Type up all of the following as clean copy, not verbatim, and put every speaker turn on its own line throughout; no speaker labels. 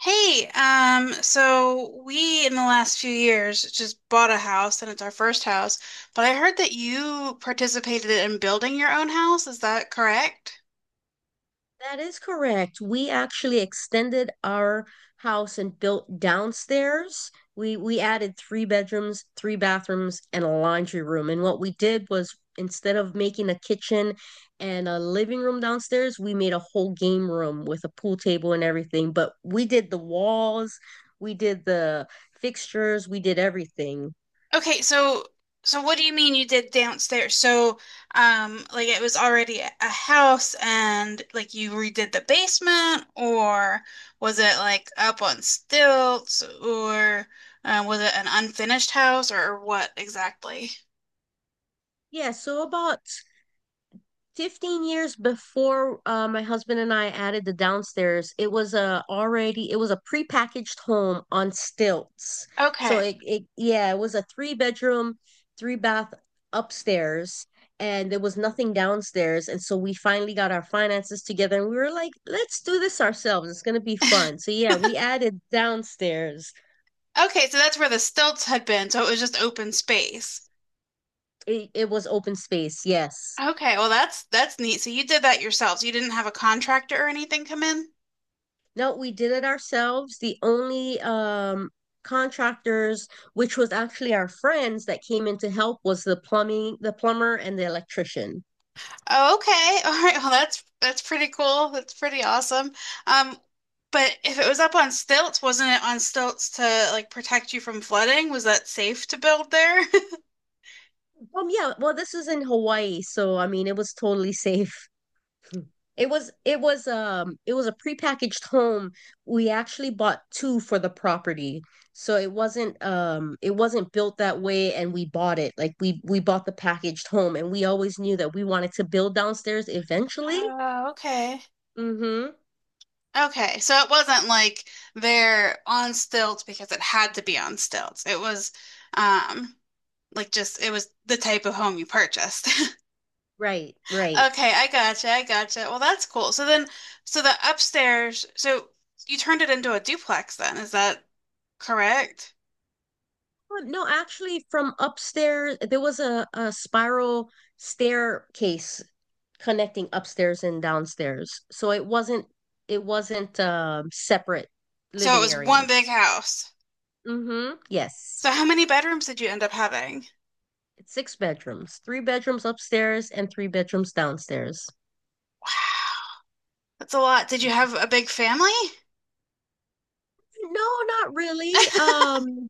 Hey, so we in the last few years just bought a house and it's our first house, but I heard that you participated in building your own house. Is that correct?
That is correct. We actually extended our house and built downstairs. We added three bedrooms, three bathrooms, and a laundry room. And what we did was, instead of making a kitchen and a living room downstairs, we made a whole game room with a pool table and everything. But we did the walls, we did the fixtures, we did everything.
Okay, so what do you mean you did downstairs? Like it was already a house and like you redid the basement, or was it like up on stilts, or was it an unfinished house, or what exactly?
Yeah, so about 15 years before my husband and I added the downstairs, it was a prepackaged home on stilts. So
Okay.
it yeah, it was a three bedroom, three bath upstairs, and there was nothing downstairs. And so we finally got our finances together and we were like, let's do this ourselves, it's going to be fun. So yeah, we added downstairs.
Okay, so that's where the stilts had been, so it was just open space.
It was open space, yes.
Okay, well that's neat. So you did that yourselves. You didn't have a contractor or anything come in?
No, we did it ourselves. The only contractors, which was actually our friends that came in to help, was the plumbing, the plumber, and the electrician.
Oh, okay. All right. Well, that's pretty cool. That's pretty awesome. Um, but if it was up on stilts, wasn't it on stilts to like protect you from flooding? Was that safe to build there?
Yeah, well, this is in Hawaii, so I mean, it was totally safe. It was, it was a prepackaged home. We actually bought two for the property. So it wasn't, it wasn't built that way, and we bought it. Like, we bought the packaged home and we always knew that we wanted to build downstairs eventually.
Oh, okay.
Mhm.
Okay, so it wasn't like they're on stilts because it had to be on stilts. It was um like just it was the type of home you purchased.
Right, right.
Okay, I gotcha, I gotcha. Well, that's cool. So the upstairs, so you turned it into a duplex then, is that correct?
No, actually, from upstairs, there was a, spiral staircase connecting upstairs and downstairs. So it wasn't, it wasn't separate
So it
living
was one
area.
big house.
Mm-hmm. Yes.
So how many bedrooms did you end up having?
It's six bedrooms, three bedrooms upstairs and three bedrooms downstairs.
Wow, that's a lot. Did you have a big family?
No, not really.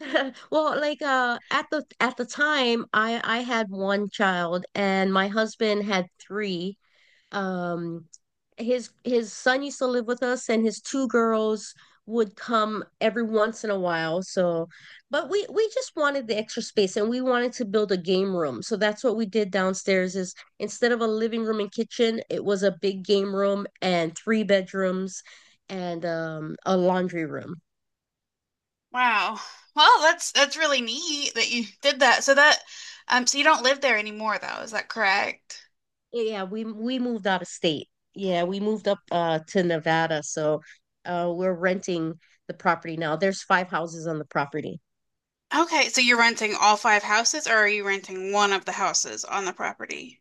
well, like at the time, I had one child and my husband had three. um his son used to live with us and his two girls would come every once in a while. So but we just wanted the extra space and we wanted to build a game room. So that's what we did downstairs, is instead of a living room and kitchen, it was a big game room and three bedrooms and a laundry room.
Wow. Well, that's really neat that you did that. So you don't live there anymore though, is that correct?
Yeah, we moved out of state. Yeah, we moved up to Nevada. So we're renting the property now. There's five houses on the property.
Okay, so you're renting all five houses, or are you renting one of the houses on the property?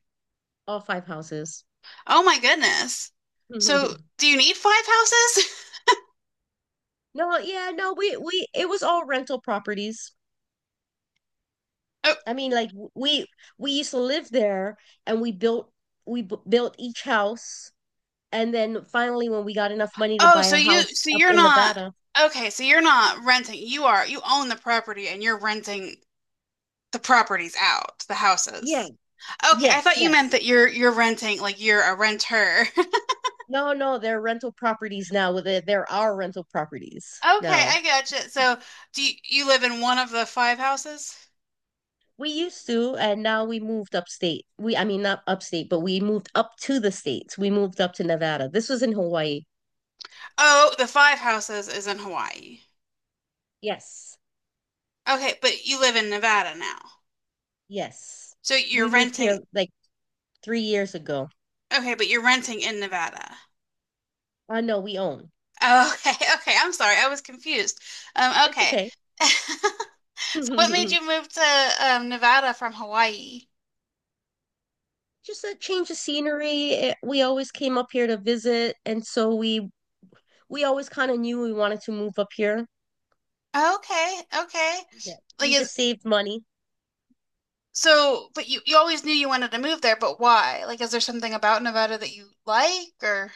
All five houses.
Oh my goodness. So do you need five houses?
No, yeah, no, we it was all rental properties.
Oh,
I mean, like we used to live there, and we built, we b built each house, and then finally when we got enough money to
oh,
buy
so
a
you
house
so
up
you're
in
not
Nevada.
Okay, so you're not renting. You own the property and you're renting the properties out, the
Yeah.
houses. Okay, I
Yes,
thought you meant
yes.
that you're renting like you're a renter.
No, no, they're rental properties now. They're our rental properties
Okay,
now.
I gotcha. So do you, you live in one of the five houses?
We used to, and now we moved upstate. We, I mean, not upstate, but we moved up to the states. We moved up to Nevada. This was in Hawaii.
Oh, the five houses is in Hawaii.
Yes.
Okay, but you live in Nevada now.
Yes.
So you're
We moved
renting,
here like 3 years ago.
okay, but you're renting in Nevada.
I know, we own.
Oh, okay, okay. I'm sorry, I was confused.
It's
Okay.
okay.
So what made you
Just
move to Nevada from Hawaii?
a change of scenery. Eh, we always came up here to visit, and so we always kind of knew we wanted to move up here.
Okay, okay.
Yeah.
Like
We
is
just saved money.
so, but You always knew you wanted to move there, but why? Like, is there something about Nevada that you like or?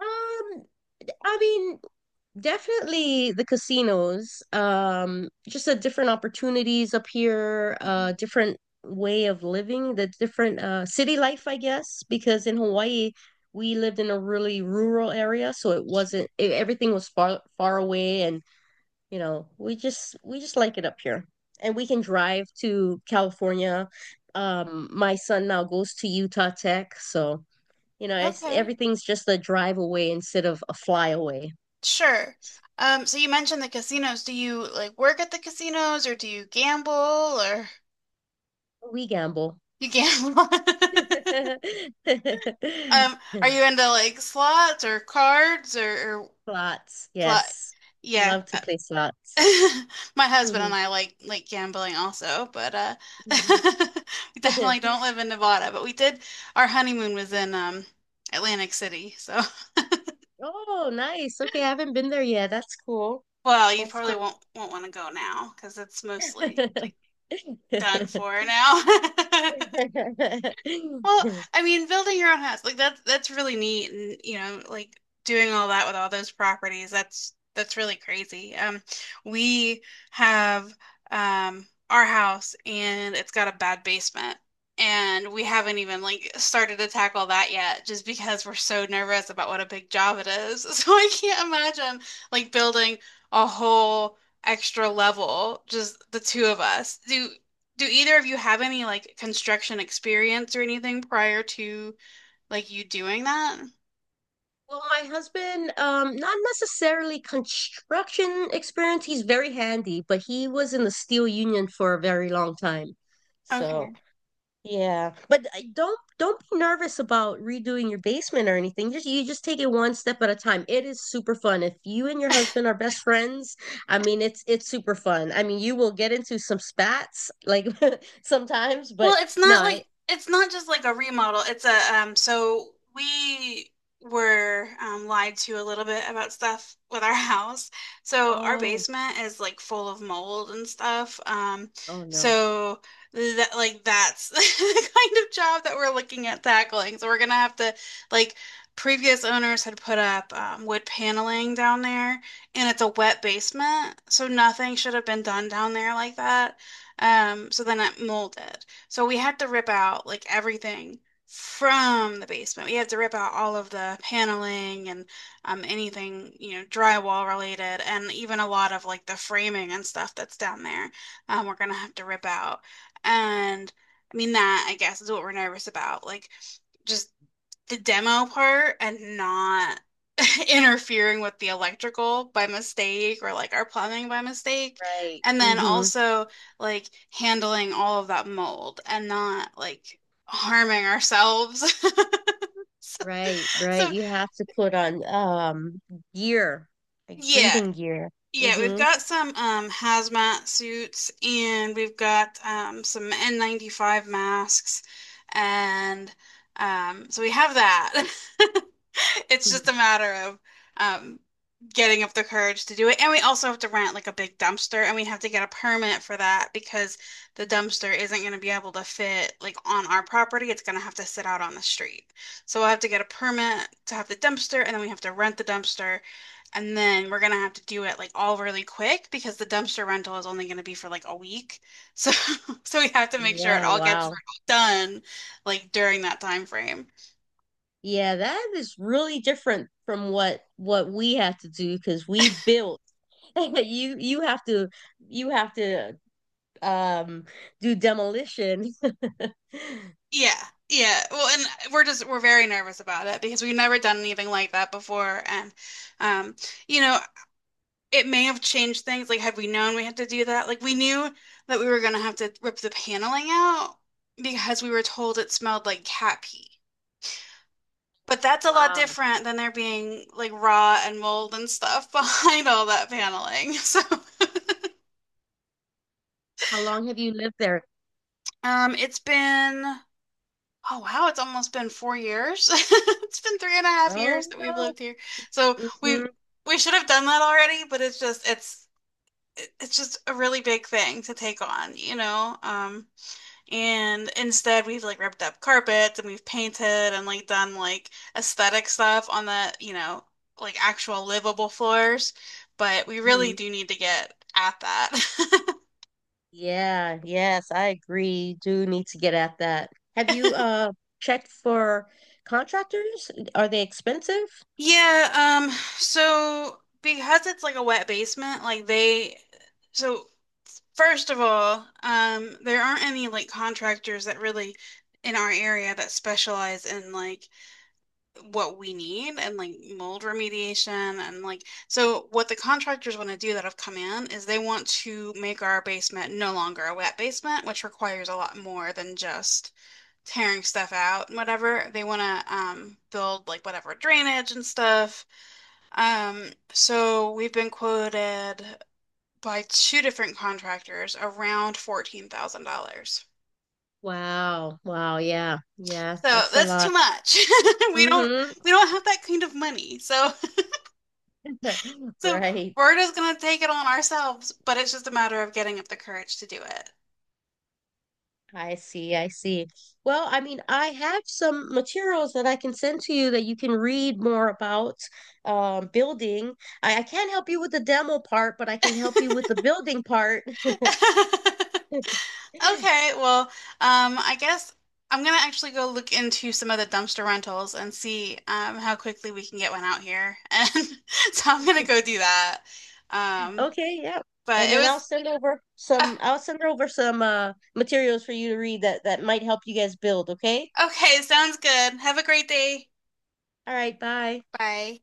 Um, I mean, definitely the casinos. Just a different opportunities up here,
Mhm.
different way of living, the different city life, I guess, because in Hawaii we lived in a really rural area, so it
Sure.
wasn't, everything was far far away, and you know, we just like it up here, and we can drive to California. My son now goes to Utah Tech, so you know, it's
Okay,
everything's just a drive away instead of a fly away.
sure. So you mentioned the casinos. Do you like work at the casinos or do you gamble or
We gamble.
you gamble? Are you into like slots or cards or
Slots,
slot?
yes.
Yeah.
Love to play slots.
My husband and
Mhm.
I like gambling also, but
Mhm.
we definitely don't live in Nevada, but we did our honeymoon was in Atlantic City. So,
Oh, nice. Okay, I haven't been there yet. That's cool.
well, you
That's cool.
probably won't want to go now because it's mostly like done for now. Well, I mean, building your own house, like that's really neat and you know, like doing all that with all those properties, that's really crazy. We have our house and it's got a bad basement and we haven't even like started to tackle that yet just because we're so nervous about what a big job it is. So I can't imagine like building a whole extra level, just the two of us. Do either of you have any like construction experience or anything prior to like you doing that?
Well, my husband, not necessarily construction experience. He's very handy, but he was in the steel union for a very long time. So
Okay.
yeah, but don't be nervous about redoing your basement or anything. Just, you just take it one step at a time. It is super fun. If you and your husband are best friends, I mean, it's super fun. I mean, you will get into some spats like sometimes,
Well,
but
it's
no,
not like
I,
it's not just like a remodel. It's a so We were lied to a little bit about stuff with our house. So our
oh,
basement is like full of mold and stuff.
oh no.
So that like that's the kind of job that we're looking at tackling. So we're gonna have to like previous owners had put up wood paneling down there and it's a wet basement, so nothing should have been done down there like that. So then it molded. So we had to rip out like everything from the basement. We had to rip out all of the paneling and anything, you know, drywall related, and even a lot of like the framing and stuff that's down there. We're gonna have to rip out. And I mean, that I guess is what we're nervous about. Like, just the demo part and not interfering with the electrical by mistake or like our plumbing by mistake.
Right.
And then
Mm-hmm.
also like handling all of that mold and not like harming ourselves. So,
Right, right.
so
You have to put on gear, like
yeah,
breathing gear.
Yeah, we've
Mm-hmm.
got some hazmat suits and we've got some N95 masks. And so we have that. It's just a matter of um, getting up the courage to do it. And we also have to rent like a big dumpster and we have to get a permit for that because the dumpster isn't going to be able to fit like on our property. It's going to have to sit out on the street. So we'll have to get a permit to have the dumpster and then we have to rent the dumpster. And then we're gonna have to do it like all really quick because the dumpster rental is only gonna be for like a week. So so we have to make sure it
Yeah,
all gets
wow.
done like during that time frame.
Yeah, that is really different from what we have to do, because we built. You have to, you have to um do demolition.
Yeah. Yeah. Well, and we're just we're very nervous about it because we've never done anything like that before and um you know, it may have changed things like had we known we had to do that, like we knew that we were gonna have to rip the paneling out because we were told it smelled like cat pee. But that's a lot
Wow.
different than there being like raw and mold and stuff behind all that paneling. So,
How long have you lived there?
it's been, oh wow, it's almost been 4 years. It's been three and a half
Oh
years that we've
no.
lived here. So we
Mhm,
we should have done that already, but it's just it's just a really big thing to take on, you know? And instead, we've like ripped up carpets and we've painted and like done like aesthetic stuff on the, you know, like actual livable floors. But we really
mhm.
do need to get at that.
Yeah, yes, I agree. Do need to get at that. Have you checked for contractors? Are they expensive?
Yeah, so because it's like a wet basement, like they, so first of all, there aren't any like contractors that really in our area that specialize in like what we need and like mold remediation and like so what the contractors want to do that have come in is they want to make our basement no longer a wet basement, which requires a lot more than just tearing stuff out and whatever. They want to build like whatever drainage and stuff. So we've been quoted by two different contractors around $14,000. So
Wow. Wow, yeah. Yeah, that's a
that's too
lot.
much. We don't
Mm-hmm.
we don't have that kind of money. So so
Right.
we're just going to take it on ourselves, but it's just a matter of getting up the courage to do it.
I see, I see. Well, I mean, I have some materials that I can send to you that you can read more about, building. I can't help you with the demo part, but I can help you with the building part.
Okay, well, I guess I'm gonna actually go look into some of the dumpster rentals and see how quickly we can get one out here. And so I'm gonna go do that. Um,
Okay, yeah.
but
And
it
then
was uh,
I'll send over some materials for you to read that that might help you guys build, okay?
okay, sounds good. Have a great day.
All right, bye.
Bye.